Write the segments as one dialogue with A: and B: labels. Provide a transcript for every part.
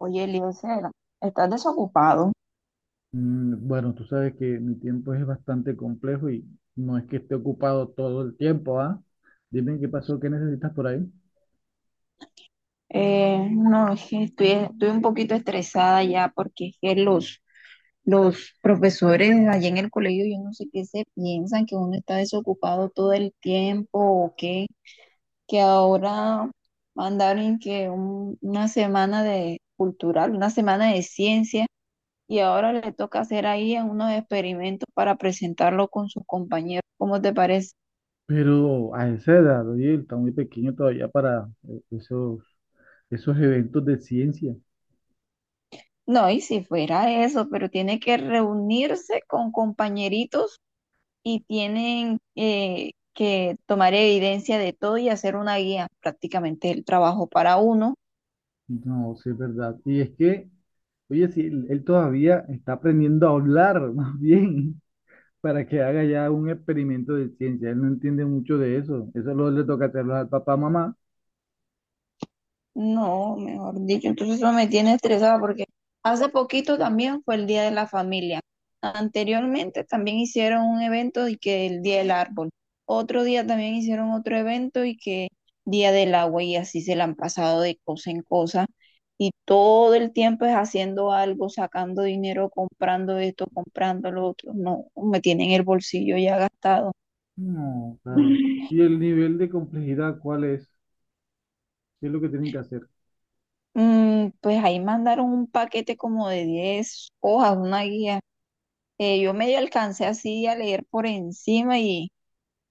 A: Oye, Eliezer, ¿estás desocupado?
B: Bueno, tú sabes que mi tiempo es bastante complejo y no es que esté ocupado todo el tiempo, ¿ah? Dime qué pasó, qué necesitas por ahí.
A: No, es que estoy un poquito estresada ya porque es que los profesores allá en el colegio, yo no sé qué se piensan, que uno está desocupado todo el tiempo o qué, que ahora mandaron que una semana de cultural, una semana de ciencia y ahora le toca hacer ahí unos experimentos para presentarlo con sus compañeros. ¿Cómo te parece?
B: Pero a esa edad, oye, está muy pequeño todavía para esos eventos de ciencia.
A: No, y si fuera eso, pero tiene que reunirse con compañeritos y tienen que tomar evidencia de todo y hacer una guía, prácticamente el trabajo para uno.
B: No, sí es verdad. Y es que, oye, si él todavía está aprendiendo a hablar, más bien, para que haga ya un experimento de ciencia. Él no entiende mucho de eso. Eso lo le toca hacerlo al papá, mamá.
A: No, mejor dicho, entonces eso me tiene estresada porque hace poquito también fue el Día de la Familia. Anteriormente también hicieron un evento y que el Día del Árbol. Otro día también hicieron otro evento y que Día del Agua y así se la han pasado de cosa en cosa. Y todo el tiempo es haciendo algo, sacando dinero, comprando esto, comprando lo otro. No, me tienen el bolsillo ya gastado.
B: No, claro. ¿Y el nivel de complejidad cuál es? ¿Qué es lo que tienen que hacer?
A: Mm, pues ahí mandaron un paquete como de 10 hojas, una guía. Yo medio alcancé así a leer por encima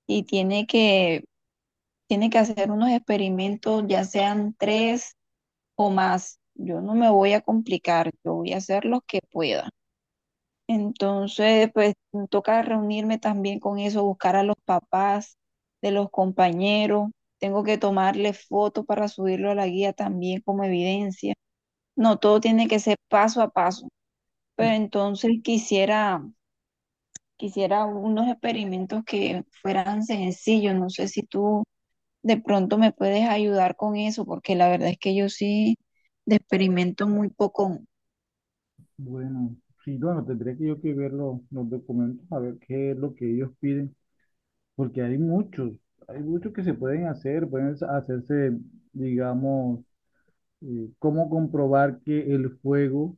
A: y tiene tiene que hacer unos experimentos, ya sean tres o más. Yo no me voy a complicar, yo voy a hacer los que pueda. Entonces, pues me toca reunirme también con eso, buscar a los papás de los compañeros. Tengo que tomarle fotos para subirlo a la guía también como evidencia. No, todo tiene que ser paso a paso. Pero entonces quisiera unos experimentos que fueran sencillos. No sé si tú de pronto me puedes ayudar con eso, porque la verdad es que yo sí de experimento muy poco.
B: Bueno, sí, bueno, tendría que yo que ver los documentos a ver qué es lo que ellos piden, porque hay muchos que se pueden hacer, pueden hacerse, digamos, cómo comprobar que el fuego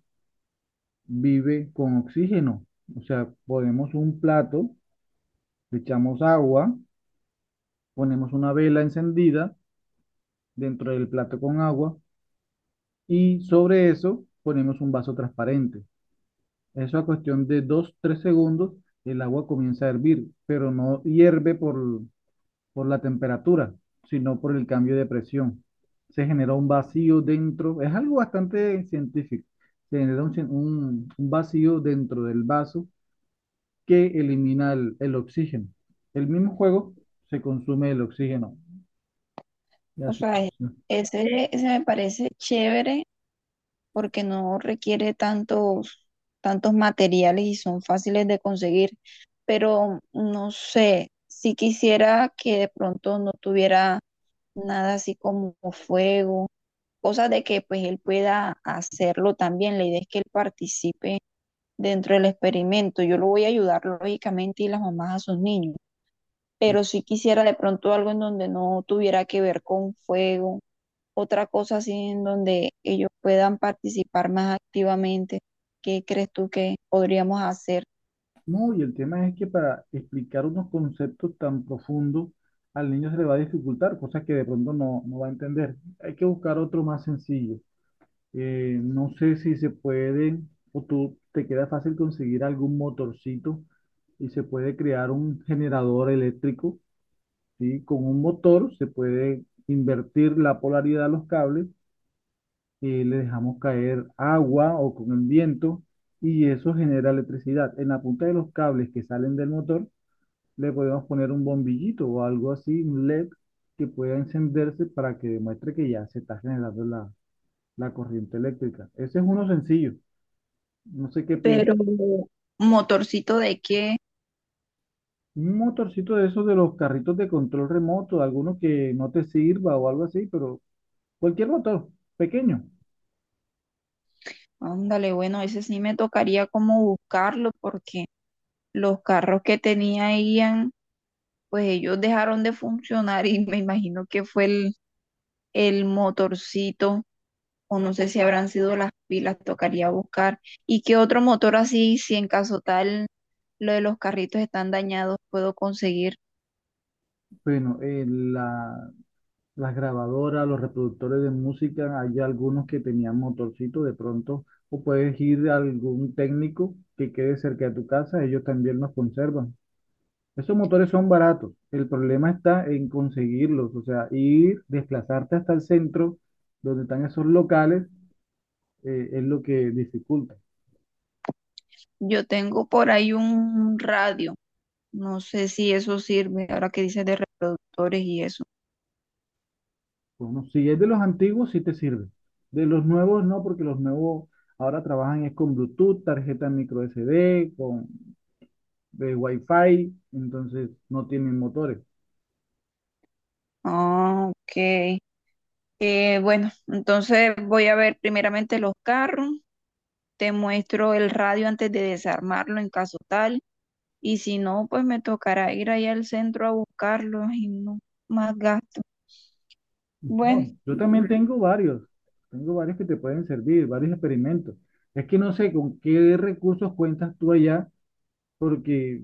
B: vive con oxígeno. O sea, ponemos un plato, le echamos agua, ponemos una vela encendida dentro del plato con agua. Y sobre eso ponemos un vaso transparente. Eso a cuestión de dos tres segundos, el agua comienza a hervir, pero no hierve por la temperatura, sino por el cambio de presión. Se genera un vacío dentro, es algo bastante científico. Se genera un vacío dentro del vaso que elimina el oxígeno. El mismo juego se consume el oxígeno. Y
A: O
B: así
A: sea,
B: funciona.
A: ese me parece chévere porque no requiere tantos materiales y son fáciles de conseguir. Pero no sé, si quisiera que de pronto no tuviera nada así como fuego, cosas de que pues él pueda hacerlo también. La idea es que él participe dentro del experimento. Yo lo voy a ayudar lógicamente y las mamás a sus niños,
B: Sí.
A: pero si quisiera de pronto algo en donde no tuviera que ver con fuego, otra cosa así en donde ellos puedan participar más activamente. ¿Qué crees tú que podríamos hacer?
B: No, y el tema es que para explicar unos conceptos tan profundos al niño se le va a dificultar, cosas que de pronto no va a entender. Hay que buscar otro más sencillo. No sé si se puede o tú te queda fácil conseguir algún motorcito y se puede crear un generador eléctrico, ¿sí? Con un motor se puede invertir la polaridad a los cables, le dejamos caer agua o con el viento y eso genera electricidad. En la punta de los cables que salen del motor le podemos poner un bombillito o algo así, un LED que pueda encenderse para que demuestre que ya se está generando la corriente eléctrica. Ese es uno sencillo. No sé qué
A: Pero
B: piensas.
A: motorcito de qué.
B: Un motorcito de esos de los carritos de control remoto, alguno que no te sirva o algo así, pero cualquier motor pequeño.
A: Ándale, bueno, ese sí me tocaría como buscarlo porque los carros que tenía Ian, pues ellos dejaron de funcionar y me imagino que fue el motorcito o no sé si habrán sido las pilas, tocaría buscar. ¿Y qué otro motor así, si en caso tal lo de los carritos están dañados, puedo conseguir?
B: Bueno, las grabadoras, los reproductores de música, hay algunos que tenían motorcito de pronto, o puedes ir a algún técnico que quede cerca de tu casa, ellos también los conservan. Esos motores son baratos. El problema está en conseguirlos, o sea, ir, desplazarte hasta el centro donde están esos locales, es lo que dificulta.
A: Yo tengo por ahí un radio, no sé si eso sirve ahora que dices de reproductores y eso.
B: Bueno, si es de los antiguos, sí te sirve. De los nuevos, no, porque los nuevos ahora trabajan es con Bluetooth, tarjeta micro SD, con Wi-Fi, entonces no tienen motores.
A: Ah, ok. Bueno, entonces voy a ver primeramente los carros. Te muestro el radio antes de desarmarlo en caso tal. Y si no, pues me tocará ir allá al centro a buscarlo y no más gasto. Bueno,
B: No, yo también tengo varios que te pueden servir, varios experimentos. Es que no sé con qué recursos cuentas tú allá porque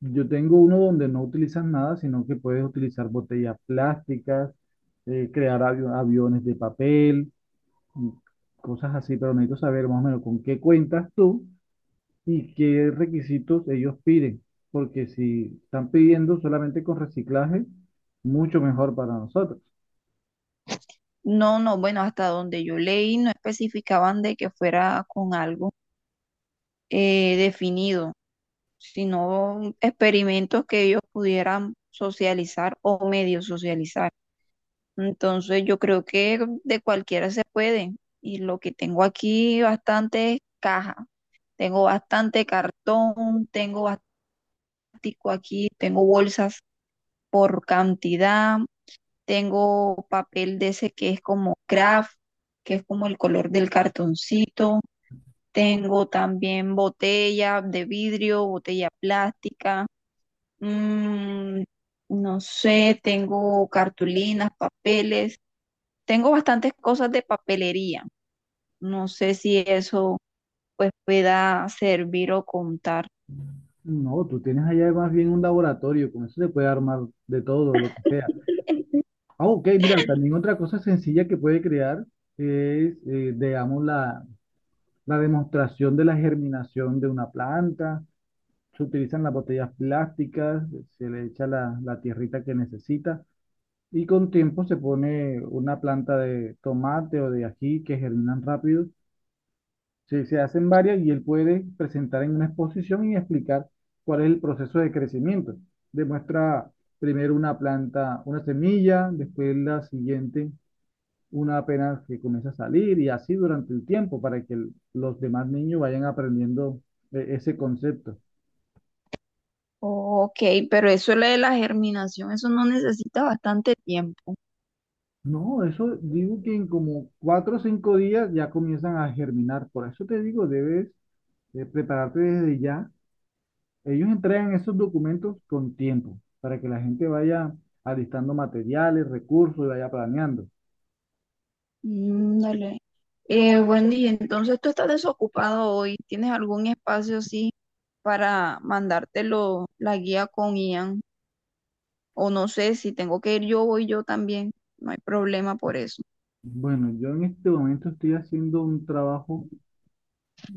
B: yo tengo uno donde no utilizas nada, sino que puedes utilizar botellas plásticas, aviones de papel, y cosas así, pero necesito saber más o menos con qué cuentas tú y qué requisitos ellos piden, porque si están pidiendo solamente con reciclaje, mucho mejor para nosotros.
A: no, no, bueno, hasta donde yo leí no especificaban de que fuera con algo definido, sino experimentos que ellos pudieran socializar o medio socializar. Entonces yo creo que de cualquiera se puede. Y lo que tengo aquí bastante es caja. Tengo bastante cartón, tengo plástico aquí, tengo bolsas por cantidad, tengo papel de ese que es como craft, que es como el color del cartoncito. Tengo también botella de vidrio, botella plástica. Mm, no sé, tengo cartulinas, papeles. Tengo bastantes cosas de papelería. No sé si eso pues pueda servir o contar.
B: No, tú tienes allá más bien un laboratorio, con eso se puede armar de todo, lo que sea. Ah, ok, mira, también otra cosa sencilla que puede crear es, la demostración de la germinación de una planta. Se utilizan las botellas plásticas, se le echa la tierrita que necesita y con tiempo se pone una planta de tomate o de ají que germinan rápido. Se hacen varias y él puede presentar en una exposición y explicar cuál es el proceso de crecimiento. Demuestra primero una planta, una semilla, después la siguiente una apenas que comienza a salir y así durante el tiempo para que los demás niños vayan aprendiendo ese concepto.
A: Ok, pero eso lo de la germinación, eso no necesita bastante tiempo.
B: No, eso digo que en como cuatro o cinco días ya comienzan a germinar. Por eso te digo, debes prepararte desde ya. Ellos entregan esos documentos con tiempo para que la gente vaya alistando materiales, recursos y vaya planeando.
A: Mm, dale. Wendy, entonces tú estás desocupado hoy. ¿Tienes algún espacio así para mandártelo la guía con Ian? O no sé, si tengo que ir yo, voy yo también. No hay problema por eso.
B: Bueno, yo en este momento estoy haciendo un trabajo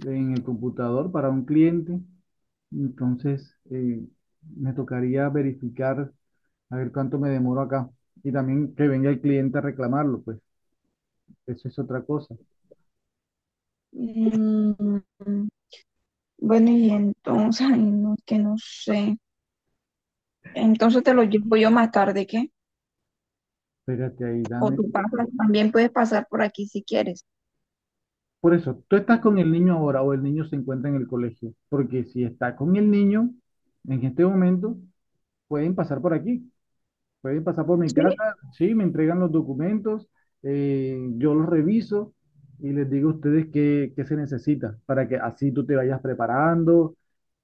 B: en el computador para un cliente. Entonces, me tocaría verificar a ver cuánto me demoro acá. Y también que venga el cliente a reclamarlo, pues eso es otra cosa.
A: Mm, bueno, y entonces, ay, no, que no sé. Entonces te lo llevo yo más tarde, ¿qué?
B: Espérate ahí,
A: O
B: dame.
A: tú pasas, también puedes pasar por aquí si quieres.
B: Por eso, tú estás con el niño ahora o el niño se encuentra en el colegio. Porque si está con el niño en este momento, pueden pasar por aquí. Pueden pasar por mi
A: Sí.
B: casa, sí, me entregan los documentos, yo los reviso y les digo a ustedes qué se necesita para que así tú te vayas preparando,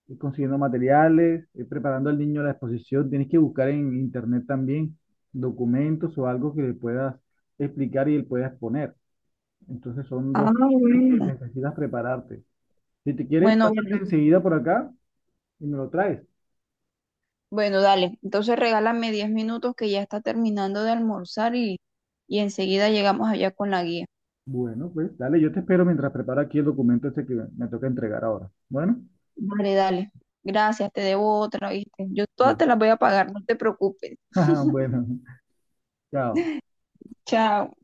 B: ir consiguiendo materiales, ir preparando al niño la exposición. Tienes que buscar en internet también documentos o algo que le puedas explicar y él pueda exponer. Entonces son
A: Ah,
B: dos cosas que
A: bueno.
B: necesitas prepararte. Si te quieres,
A: Bueno,
B: pásate
A: bueno,
B: enseguida por acá y me lo traes.
A: bueno, dale. Entonces regálame 10 minutos que ya está terminando de almorzar y enseguida llegamos allá con la guía.
B: Bueno, pues dale, yo te espero mientras preparo aquí el documento este que me toca entregar ahora. Bueno,
A: Dale, dale. Gracias, te debo otra, ¿viste? Yo todas te
B: bueno,
A: las voy a pagar, no te preocupes.
B: bueno, chao.
A: Chao.